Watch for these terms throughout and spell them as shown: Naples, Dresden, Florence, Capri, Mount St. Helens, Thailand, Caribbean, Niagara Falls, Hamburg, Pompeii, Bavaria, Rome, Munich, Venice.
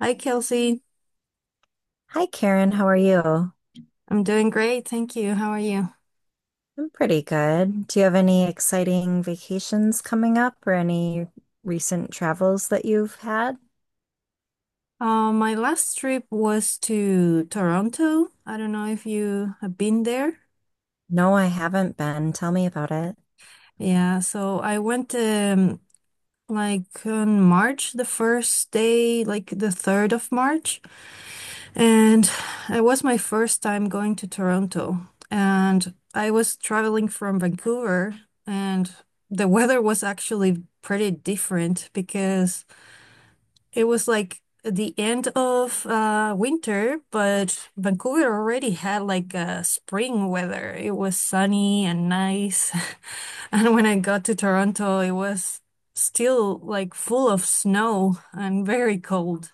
Hi, Kelsey. Hi, Karen. How are you? I'm doing great. Thank you. How are you? I'm pretty good. Do you have any exciting vacations coming up or any recent travels that you've had? My last trip was to Toronto. I don't know if you have been there. No, I haven't been. Tell me about it. Yeah, so I went like on March, the first day, like the 3rd of March. And it was my first time going to Toronto. And I was traveling from Vancouver, and the weather was actually pretty different because it was like the end of winter, but Vancouver already had like a spring weather. It was sunny and nice. And when I got to Toronto, it was still like full of snow and very cold.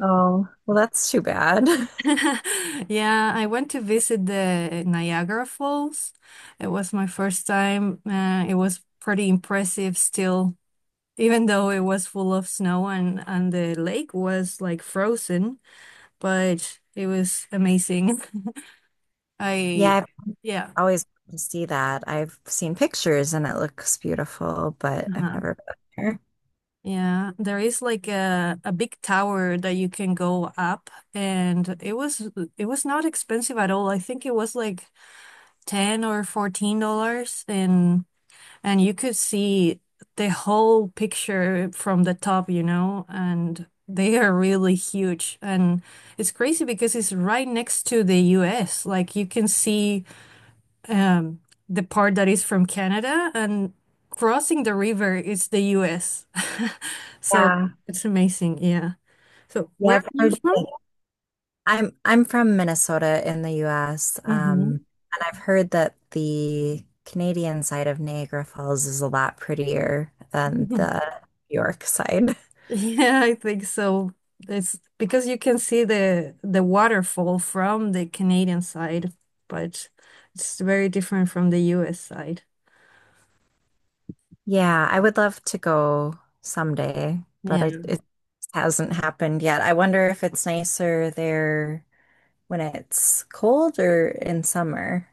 Oh, well, that's too bad. Yeah, I went to visit the Niagara Falls. It was my first time. It was pretty impressive still, even though it was full of snow and the lake was like frozen, but it was amazing. I, Yeah, I've yeah. always wanted to see that. I've seen pictures and it looks beautiful, but I've Uh-huh. never been there. Yeah, there is like a big tower that you can go up and it was not expensive at all. I think it was like 10 or $14 and you could see the whole picture from the top, you know, and they are really huge and it's crazy because it's right next to the US. Like you can see um, the part that is from Canada, and crossing the river is the US. So Yeah. it's amazing. Yeah. So Yeah, where I've are you heard. from? I'm from Minnesota in the US, Hmm. and I've heard that the Canadian side of Niagara Falls is a lot prettier than the New York side. Yeah, I think so. It's because you can see the waterfall from the Canadian side, but it's very different from the US side. Yeah, I would love to go someday, but I, Yeah. it hasn't happened yet. I wonder if it's nicer there when it's cold or in summer?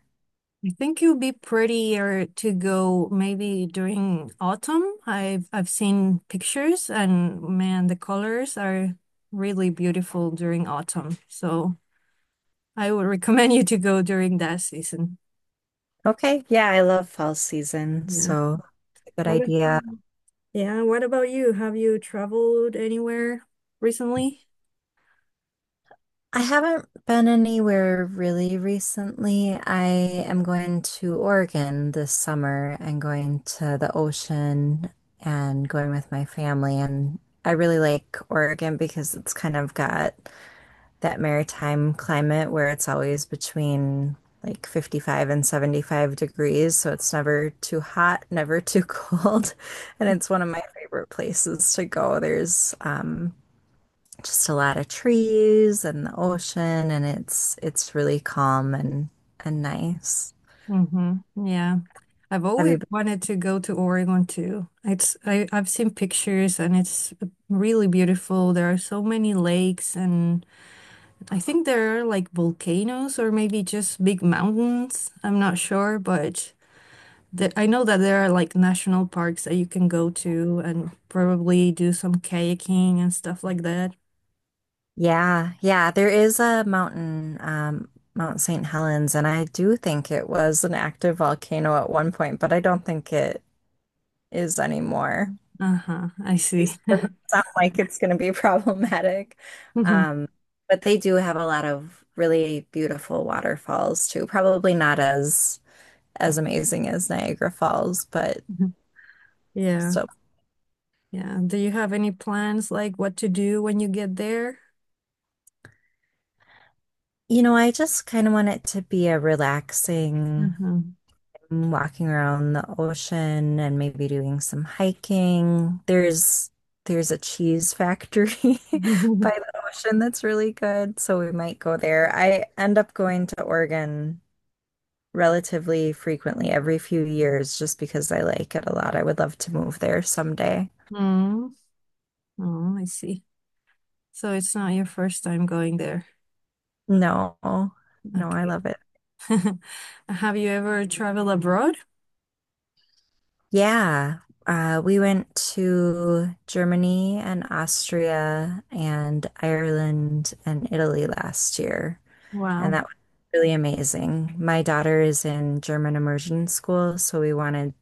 I think it would be prettier to go maybe during autumn. I've seen pictures and man, the colors are really beautiful during autumn. So I would recommend you to go during that season. Okay, yeah, I love fall season, Yeah. so it's a good What idea. about, yeah, what about you? Have you traveled anywhere recently? I haven't been anywhere really recently. I am going to Oregon this summer and going to the ocean and going with my family. And I really like Oregon because it's kind of got that maritime climate where it's always between like 55 and 75 degrees, so it's never too hot, never too cold. And it's one of my favorite places to go. There's just a lot of trees and the ocean, and it's really calm and nice. Mm-hmm. Yeah. I've Have always you been? wanted to go to Oregon too. It's I, I've seen pictures and it's really beautiful. There are so many lakes and I think there are like volcanoes or maybe just big mountains. I'm not sure, but the, I know that there are like national parks that you can go to and probably do some kayaking and stuff like that. Yeah, yeah, there is a mountain, Mount St. Helens, and I do think it was an active volcano at one point, but I don't think it is anymore. Uh-huh, I see. It not like it's going to be problematic. Mhm, Um, but they do have a lot of really beautiful waterfalls too. Probably not as amazing as Niagara Falls, but mhm. Yeah, so yeah. Do you have any plans like what to do when you get there? I just kind of want it to be a relaxing Uh-huh. mm, walking around the ocean and maybe doing some hiking. There's a cheese factory by the ocean that's really good, so we might go there. I end up going to Oregon relatively frequently every few years just because I like it a lot. I would love to move there someday. Mm, oh, I see. So it's not your first time going there. No, no, I Okay. love it. Have you ever traveled abroad? Yeah. We went to Germany and Austria and Ireland and Italy last year, and Wow. that was really amazing. My daughter is in German immersion school, so we wanted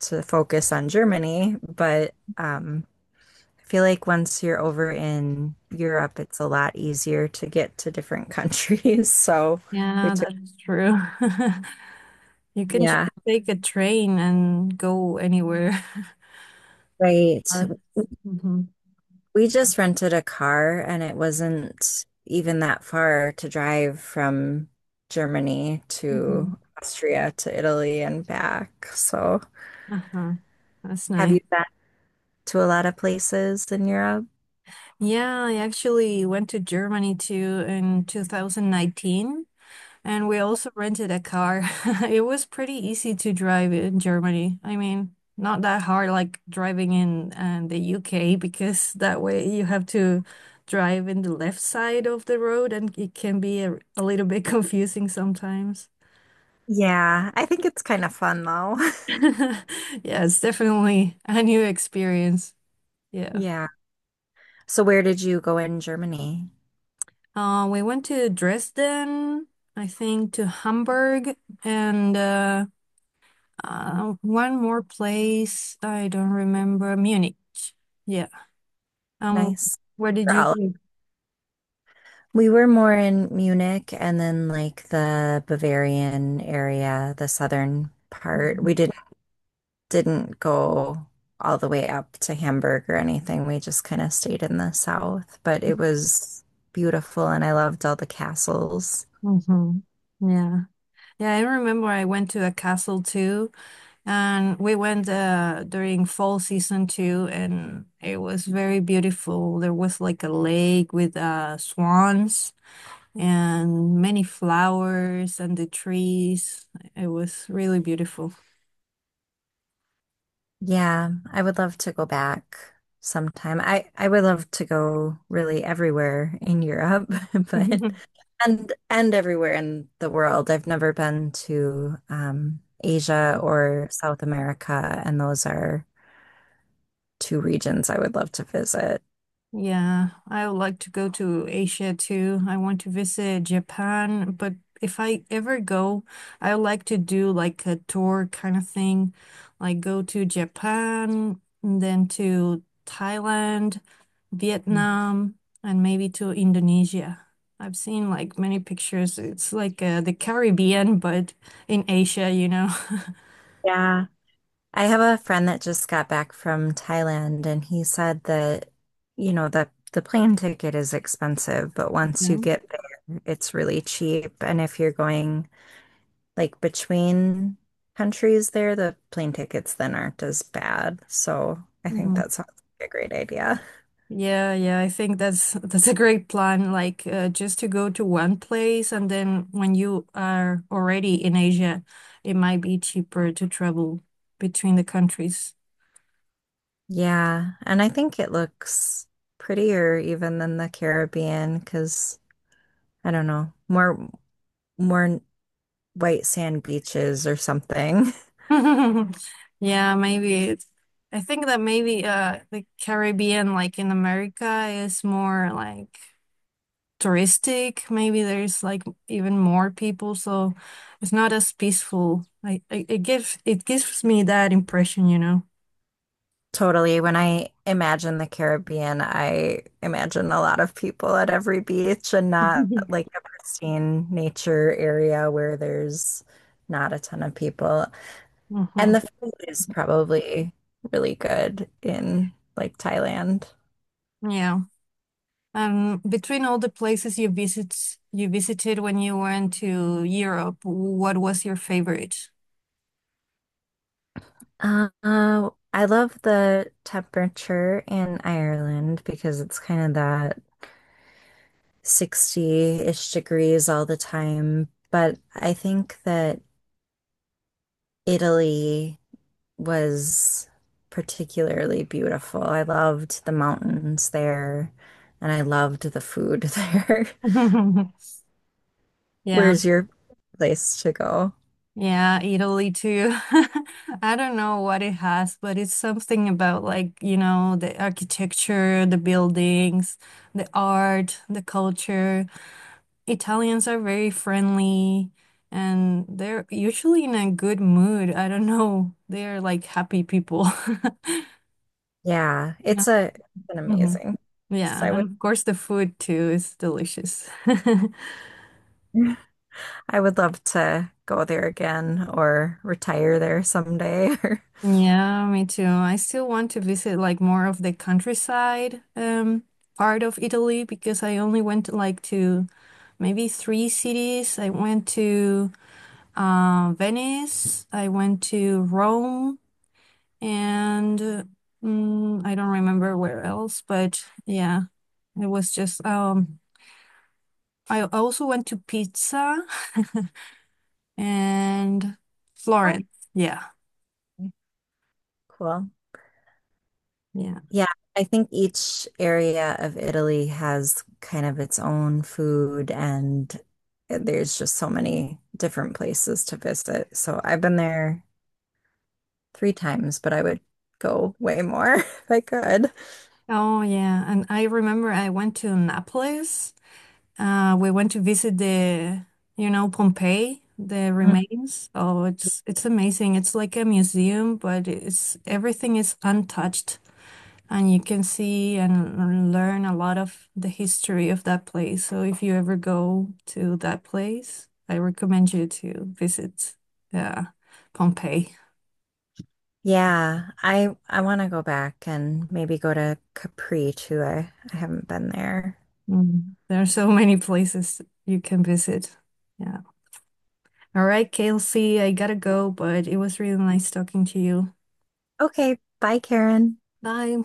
to focus on Germany, but I feel like once you're over in Europe, it's a lot easier to get to different countries. So we Yeah, took, that's true. You can just yeah, take a train and go anywhere. right. Mm-hmm. We just rented a car and it wasn't even that far to drive from Germany Hmm. to Austria to Italy and back. So Uh-huh. That's have nice. you been to a lot of places in Europe? Yeah, I actually went to Germany too in 2019. And we also rented a car. It was pretty easy to drive in Germany. I mean, not that hard like driving in the UK because that way you have to drive in the left side of the road and it can be a little bit confusing sometimes. Yeah, I think it's kind of fun though. Yeah, it's definitely a new experience. Yeah. Yeah. So where did you go in Germany? We went to Dresden, I think to Hamburg and one more place. I don't remember. Munich. Yeah. Um, Nice. where did They're you all go? We were more in Munich and then like the Bavarian area, the southern part. Mm-hmm. We didn't go all the way up to Hamburg or anything. We just kind of stayed in the south, but it was beautiful and I loved all the castles. Mm-hmm. Yeah. Yeah, I remember I went to a castle too, and we went during fall season too, and it was very beautiful. There was like a lake with swans and many flowers and the trees. It was really beautiful. Yeah, I would love to go back sometime. I would love to go really everywhere in Europe, but and everywhere in the world. I've never been to Asia or South America, and those are two regions I would love to visit. Yeah, I would like to go to Asia too. I want to visit Japan, but if I ever go, I would like to do like a tour kind of thing, like go to Japan, and then to Thailand, Mm. Vietnam, and maybe to Indonesia. I've seen like many pictures. It's like the Caribbean, but in Asia, you know. Yeah. I have a friend that just got back from Thailand, and he said that, you know, the plane ticket is expensive, but once you get there, it's really cheap. And if you're going like between countries there, the plane tickets then aren't as bad. So I think Yeah. that sounds like a great idea. Yeah, yeah, I think that's that's a great plan. Like just to go to one place and then when you are already in Asia, it might be cheaper to travel between the countries. Yeah, and I think it looks prettier even than the Caribbean because I don't know, more white sand beaches or something. Yeah, maybe it's, I think that maybe the Caribbean like in America is more like touristic. Maybe there's like even more people, so it's not as peaceful. Like it, it gives me that impression, you know. Totally. When I imagine the Caribbean, I imagine a lot of people at every beach and not like a pristine nature area where there's not a ton of people. And the Hmm. food is probably really good in like Thailand. Yeah. Between all the places you visited when you went to Europe, what was your favorite? I love the temperature in Ireland because it's kind of that 60-ish degrees all the time. But I think that Italy was particularly beautiful. I loved the mountains there and I loved the food there. Yeah, Where's your place to go? yeah, Italy too. I don't know what it has, but it's something about like, you know, the architecture, the buildings, the art, the culture. Italians are very friendly and they're usually in a good mood. I don't know. They're like happy people. Yeah, Yeah. it's a it's an Mhm. amazing. So Yeah, I and would of course the food too is delicious. I would love to go there again or retire there someday. Yeah, me too. I still want to visit like more of the countryside part of Italy because I only went like to maybe 3 cities. I went to Venice, I went to Rome, and I don't remember where else, but yeah, it was just I also went to Pizza and Oh, Florence. Yeah. cool. Yeah. Yeah, I think each area of Italy has kind of its own food and there's just so many different places to visit. So I've been there three times, but I would go way more if I could. Oh yeah, and I remember I went to Naples. We went to visit the you know Pompeii, the remains. Oh, it's amazing. It's like a museum, but it's everything is untouched, and you can see and learn a lot of the history of that place. So if you ever go to that place, I recommend you to visit uh, Pompeii. Yeah, I want to go back and maybe go to Capri too. I haven't been there. Mm, there are so many places you can visit. Yeah. All right, Kelsey, I gotta go, but it was really nice talking to you. Okay, bye, Karen. Bye.